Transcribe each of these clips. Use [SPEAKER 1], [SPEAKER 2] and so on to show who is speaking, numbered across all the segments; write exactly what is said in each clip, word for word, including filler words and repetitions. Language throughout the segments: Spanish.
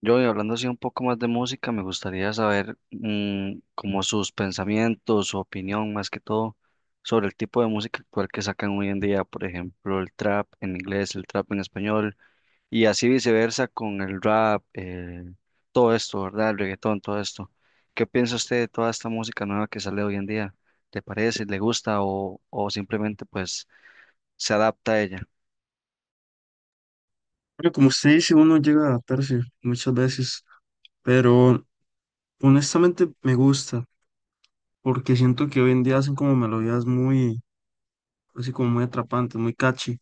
[SPEAKER 1] Yo, y hablando así un poco más de música, me gustaría saber mm, como sus pensamientos, su opinión más que todo sobre el tipo de música actual que sacan hoy en día, por ejemplo, el trap en inglés, el trap en español y así viceversa con el rap, eh, todo esto, ¿verdad? El reggaetón, todo esto. ¿Qué piensa usted de toda esta música nueva que sale hoy en día? ¿Le parece, le gusta o, o simplemente pues se adapta a ella?
[SPEAKER 2] Bueno, como usted dice, uno llega a adaptarse muchas veces, pero honestamente me gusta, porque siento que hoy en día hacen como melodías muy, así como muy atrapantes, muy catchy.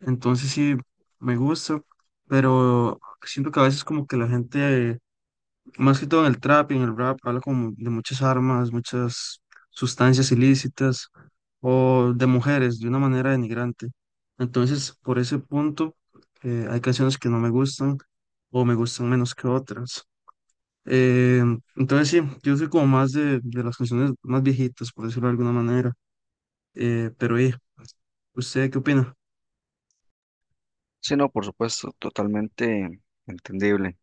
[SPEAKER 2] Entonces sí, me gusta, pero siento que a veces como que la gente, más que todo en el trap y en el rap, habla como de muchas armas, muchas sustancias ilícitas o de mujeres de una manera denigrante. Entonces, por ese punto, eh, hay canciones que no me gustan o me gustan menos que otras. Eh, entonces sí, yo soy como más de, de las canciones más viejitas, por decirlo de alguna manera. Eh, pero eh, ¿usted qué opina?
[SPEAKER 1] Sí, no, por supuesto, totalmente entendible.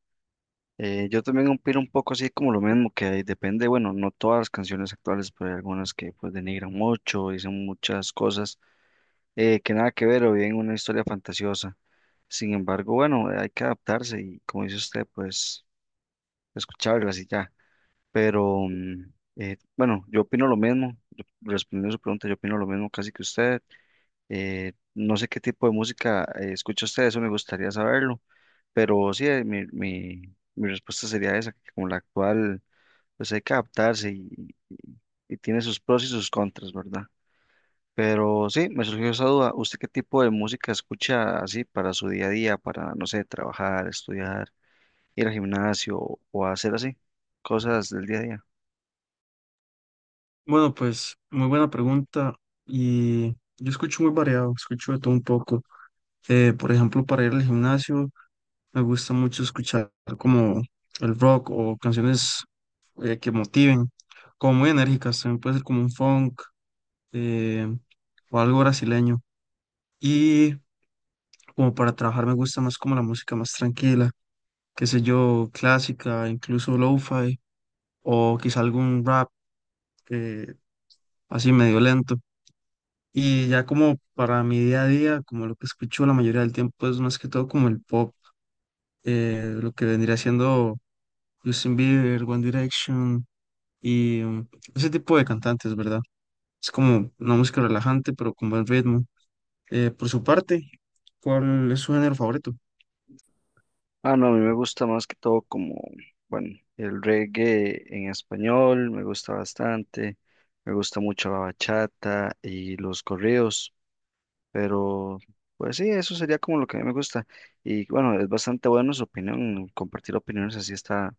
[SPEAKER 1] Eh, yo también opino un poco así como lo mismo, que depende, bueno, no todas las canciones actuales, pero hay algunas que pues denigran mucho, dicen muchas cosas eh, que nada que ver o bien una historia fantasiosa. Sin embargo, bueno, hay que adaptarse y como dice usted, pues escucharlas y ya. Pero mm, eh, bueno, yo opino lo mismo, yo- respondiendo a su pregunta, yo opino lo mismo casi que usted. Eh, no sé qué tipo de música eh, escucha usted, eso me gustaría saberlo, pero sí, eh, mi, mi, mi respuesta sería esa, que como la actual, pues hay que adaptarse y, y tiene sus pros y sus contras, ¿verdad? Pero sí, me surgió esa duda, ¿usted qué tipo de música escucha así para su día a día, para, no sé, trabajar, estudiar, ir al gimnasio o hacer así cosas del día a día?
[SPEAKER 2] Bueno, pues muy buena pregunta y yo escucho muy variado, escucho de todo un poco. Eh, por ejemplo, para ir al gimnasio me gusta mucho escuchar como el rock o canciones eh, que motiven, como muy enérgicas, también puede ser como un funk eh, o algo brasileño. Y como para trabajar me gusta más como la música más tranquila, qué sé yo, clásica, incluso lo-fi, o quizá algún rap eh, así medio lento. Y ya como para mi día a día, como lo que escucho la mayoría del tiempo es más que todo como el pop, eh, lo que vendría siendo Justin Bieber, One Direction y mm, ese tipo de cantantes, ¿verdad? Es como una música relajante, pero con buen ritmo. Eh, por su parte, ¿cuál es su género favorito?
[SPEAKER 1] Ah, no, a mí me gusta más que todo como, bueno, el reggae en español me gusta bastante, me gusta mucho la bachata y los corridos, pero pues sí, eso sería como lo que a mí me gusta. Y bueno, es bastante bueno su opinión, compartir opiniones así está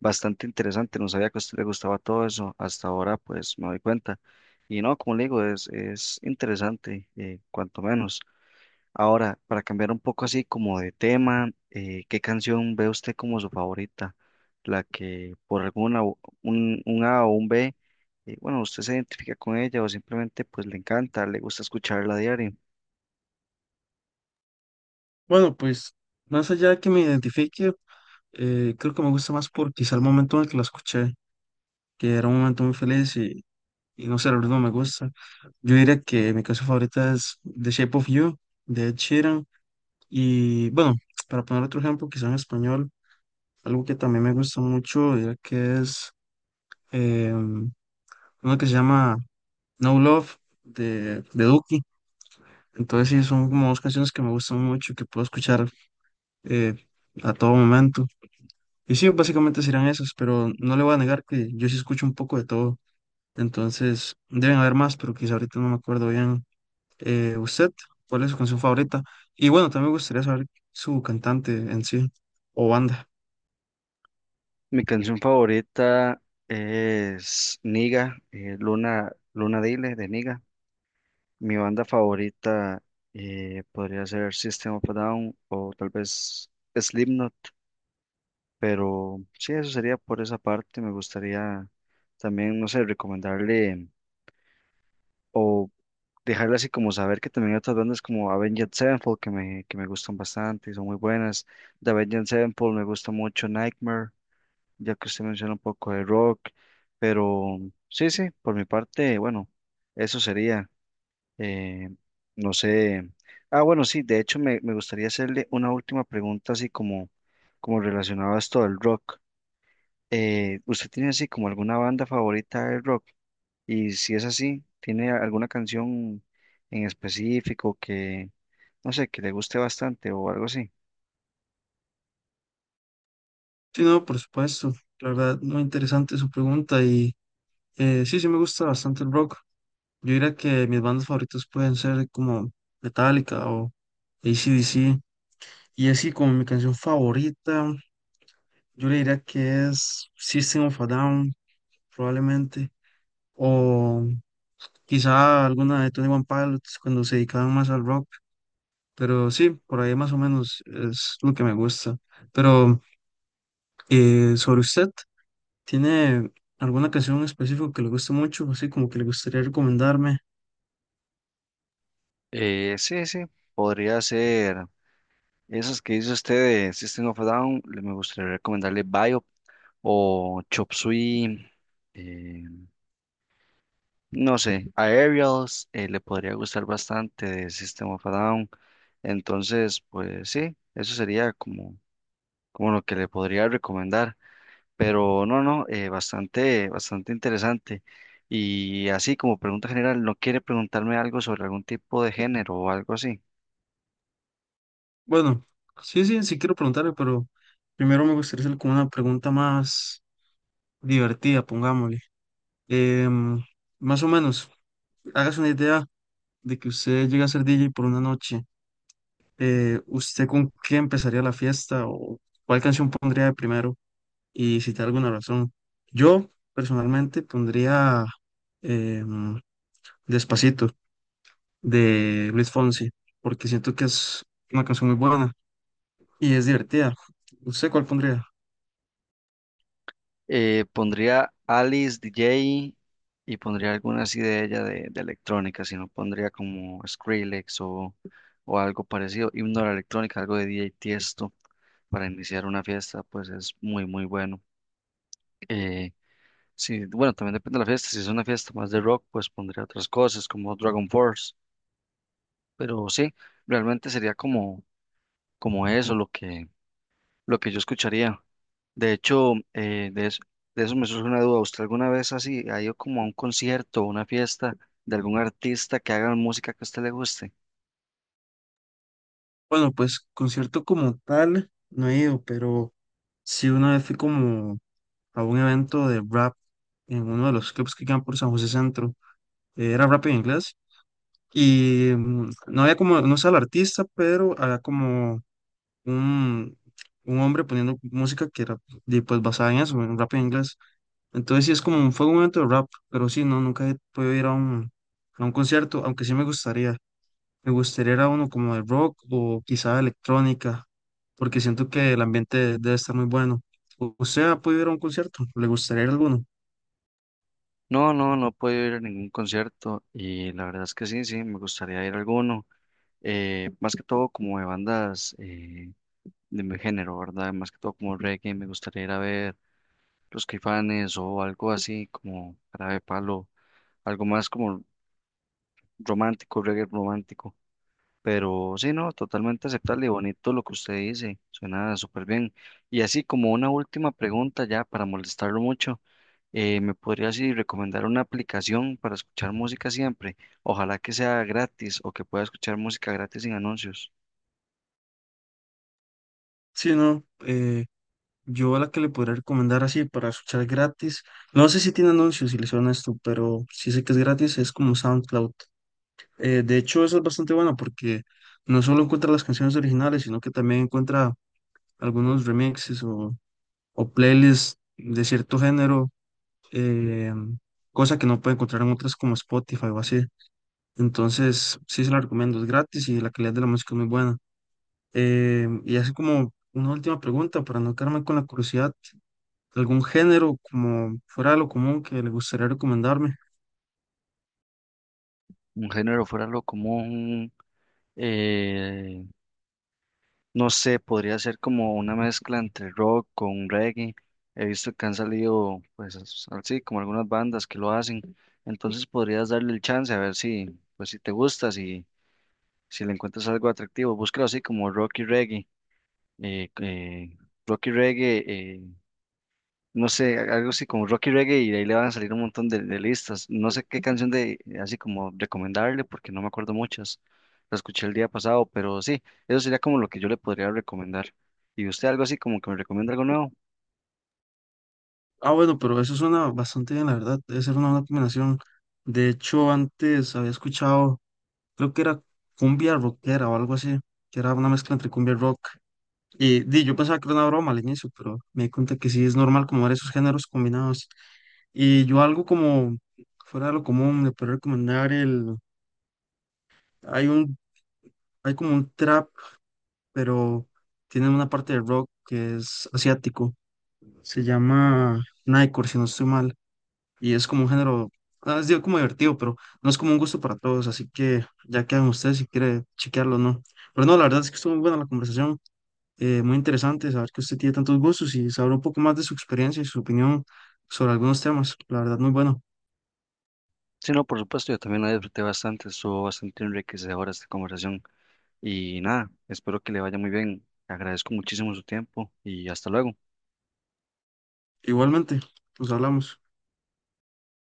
[SPEAKER 1] bastante interesante, no sabía que a usted le gustaba todo eso, hasta ahora pues me doy cuenta. Y no, como le digo, es, es interesante, eh, cuanto menos. Ahora, para cambiar un poco así como de tema, eh, ¿qué canción ve usted como su favorita? La que por alguna, u- un, un A o un B, eh, bueno, usted se identifica con ella o simplemente pues le encanta, le gusta escucharla a diario.
[SPEAKER 2] Bueno, pues más allá de que me identifique, eh, creo que me gusta más por quizá el momento en el que la escuché, que era un momento muy feliz y, y no sé, la verdad no me gusta. Yo diría que mi canción favorita es The Shape of You, de Ed Sheeran. Y bueno, para poner otro ejemplo, quizá en español, algo que también me gusta mucho, diría que es em, una que se llama No Love, de, de Duki. Entonces sí, son como dos canciones que me gustan mucho, que puedo escuchar eh, a todo momento. Y sí, básicamente serán esas, pero no le voy a negar que yo sí escucho un poco de todo. Entonces, deben haber más, pero quizá ahorita no me acuerdo bien. Eh, ¿usted cuál es su canción favorita? Y bueno, también me gustaría saber su cantante en sí o banda.
[SPEAKER 1] Mi canción favorita es Niga, eh, Luna, Luna Dile de Niga. Mi banda favorita eh, podría ser System of a Down o tal vez Slipknot. Pero sí, eso sería por esa parte. Me gustaría también, no sé, recomendarle o dejarle así como saber que también hay otras bandas como Avenged Sevenfold que me, que me gustan bastante y son muy buenas. De Avenged Sevenfold me gusta mucho Nightmare, ya que usted menciona un poco de rock. Pero sí, sí, por mi parte, bueno, eso sería. eh, no sé. Ah, bueno, sí, de hecho me, me gustaría hacerle una última pregunta así como, como relacionada a esto del rock. Eh, ¿usted tiene así como alguna banda favorita de rock? Y si es así, ¿tiene alguna canción en específico que, no sé, que le guste bastante o algo así?
[SPEAKER 2] Sí, no, por supuesto. La verdad, muy interesante su pregunta y eh, sí, sí me gusta bastante el rock. Yo diría que mis bandas favoritas pueden ser como Metallica o a c d c. Y así como mi canción favorita, yo le diría que es System of a Down, probablemente, o quizá alguna de Tony One Pilots cuando se dedicaban más al rock, pero sí, por ahí más o menos es lo que me gusta. Pero eh, sobre usted, ¿tiene alguna canción en específico que le guste mucho? Así como que le gustaría recomendarme.
[SPEAKER 1] Eh, sí, sí, podría ser esas que dice usted de System of a Down, le- me gustaría recomendarle Biop o Chop Suey, eh, no sé, Aerials, eh, le podría gustar bastante de System of a Down, entonces, pues sí, eso sería como, como lo que le podría recomendar. Pero no, no, eh, bastante, bastante interesante. Y así como pregunta general, ¿no quiere preguntarme algo sobre algún tipo de género o algo así?
[SPEAKER 2] Bueno, sí, sí, sí quiero preguntarle, pero primero me gustaría hacer como una pregunta más divertida, pongámosle. Em, más o menos, hágase una idea de que usted llega a ser D J por una noche. eh, ¿usted con qué empezaría la fiesta o cuál canción pondría de primero y si te da alguna razón? Yo personalmente pondría em, Despacito de Luis Fonsi porque siento que es una canción muy buena y es divertida. ¿Usted cuál pondría?
[SPEAKER 1] Eh, pondría Alice D J y pondría alguna así de ella de, de electrónica, si no pondría como Skrillex o, o algo parecido, himno de la electrónica, algo de D J Tiesto para iniciar una fiesta, pues es muy, muy bueno. Eh, sí, bueno, también depende de la fiesta, si es una fiesta más de rock, pues pondría otras cosas como Dragon Force. Pero sí, realmente sería como, como eso lo que, lo que yo escucharía. De hecho, eh, de eso, de eso me surge una duda. ¿Usted alguna vez así ha ido como a un concierto o una fiesta de algún artista que haga música que a usted le guste?
[SPEAKER 2] Bueno, pues concierto como tal no he ido, pero sí una vez fui como a un evento de rap en uno de los clubs que quedan por San José Centro. Eh, Era rap en inglés. Y mm, no había como, no sé al artista, pero había como un, un hombre poniendo música que era de, pues basada en eso, en rap en inglés. Entonces sí es como, un- fue un momento de rap, pero sí, no, nunca he podido ir a un, a un concierto, aunque sí me gustaría. Me gustaría ir a uno como de rock o quizá de electrónica, porque siento que el ambiente debe estar muy bueno. ¿U- ¿Usted ha podido ir a un concierto? ¿Le gustaría ir a alguno?
[SPEAKER 1] No, no, no puedo ir a ningún concierto y la verdad es que sí, sí, me gustaría ir a alguno. Eh, más que todo como de bandas eh, de mi género, ¿verdad? Más que todo como reggae, me gustaría ir a ver Los Caifanes o algo así como Jarabe de Palo, algo más como romántico, reggae romántico. Pero sí, no, totalmente aceptable y bonito lo que usted dice, suena súper bien. Y así como una última pregunta ya para molestarlo mucho, eh, ¿me podría así recomendar una aplicación para escuchar música siempre? Ojalá que sea gratis o que pueda escuchar música gratis sin anuncios.
[SPEAKER 2] Sí, no. Yo la que le podría recomendar así para escuchar gratis, no sé si tiene anuncios si le suena esto, pero sí sé que es gratis, es como SoundCloud. Eh, de hecho, eso es bastante bueno porque no solo encuentra las canciones originales, sino que también encuentra algunos remixes o, o playlists de cierto género, eh, cosa que no puede encontrar en otras como Spotify o así. Entonces, sí se la recomiendo, es gratis y la calidad de la música es muy buena. Eh, y así como una última pregunta para no quedarme con la curiosidad, algún género como fuera de lo común que le gustaría recomendarme.
[SPEAKER 1] Un género fuera lo común, eh, no sé, podría ser como una mezcla entre rock con reggae. He visto que han salido, pues as- así, como algunas bandas que lo hacen. Entonces podrías darle el chance a ver si, pues si te gusta, si, si le encuentras algo atractivo. Búscalo así como rock y reggae. eh, eh, Rock y reggae, eh, no sé, a- algo así como Rocky Reggae y de ahí le van a salir un montón de, de listas. No sé qué canción de así como recomendarle porque no me acuerdo muchas. La escuché el día pasado, pero sí, eso sería como lo que yo le podría recomendar. ¿Y usted algo así como que me recomienda algo nuevo?
[SPEAKER 2] Ah, bueno, pero eso suena bastante bien, la verdad. Debe ser una buena combinación. De hecho, antes había escuchado, creo que era cumbia rockera o algo así, que era una mezcla entre cumbia y rock. Y di, yo pensaba que era una broma al inicio, pero me di cuenta que sí es normal como ver esos géneros combinados. Y yo algo como fuera de lo común, le puedo recomendar el, hay un, hay como un trap, pero tiene una parte de rock que es asiático. Se llama Nightcore, si no estoy mal. Y es como un género, ah, es digo, como divertido, pero no es como un gusto para todos. Así que ya quedan ustedes si quiere chequearlo o no. Pero no, la verdad es que estuvo muy buena la conversación. eh, muy interesante saber que usted tiene tantos gustos y saber un poco más de su experiencia y su opinión sobre algunos temas. La verdad, muy bueno.
[SPEAKER 1] Sí, no, por supuesto, yo también la disfruté bastante, estuvo bastante enriquecedora esta conversación. Y nada, espero que le vaya muy bien. Agradezco muchísimo su tiempo y hasta luego.
[SPEAKER 2] Igualmente, nos hablamos.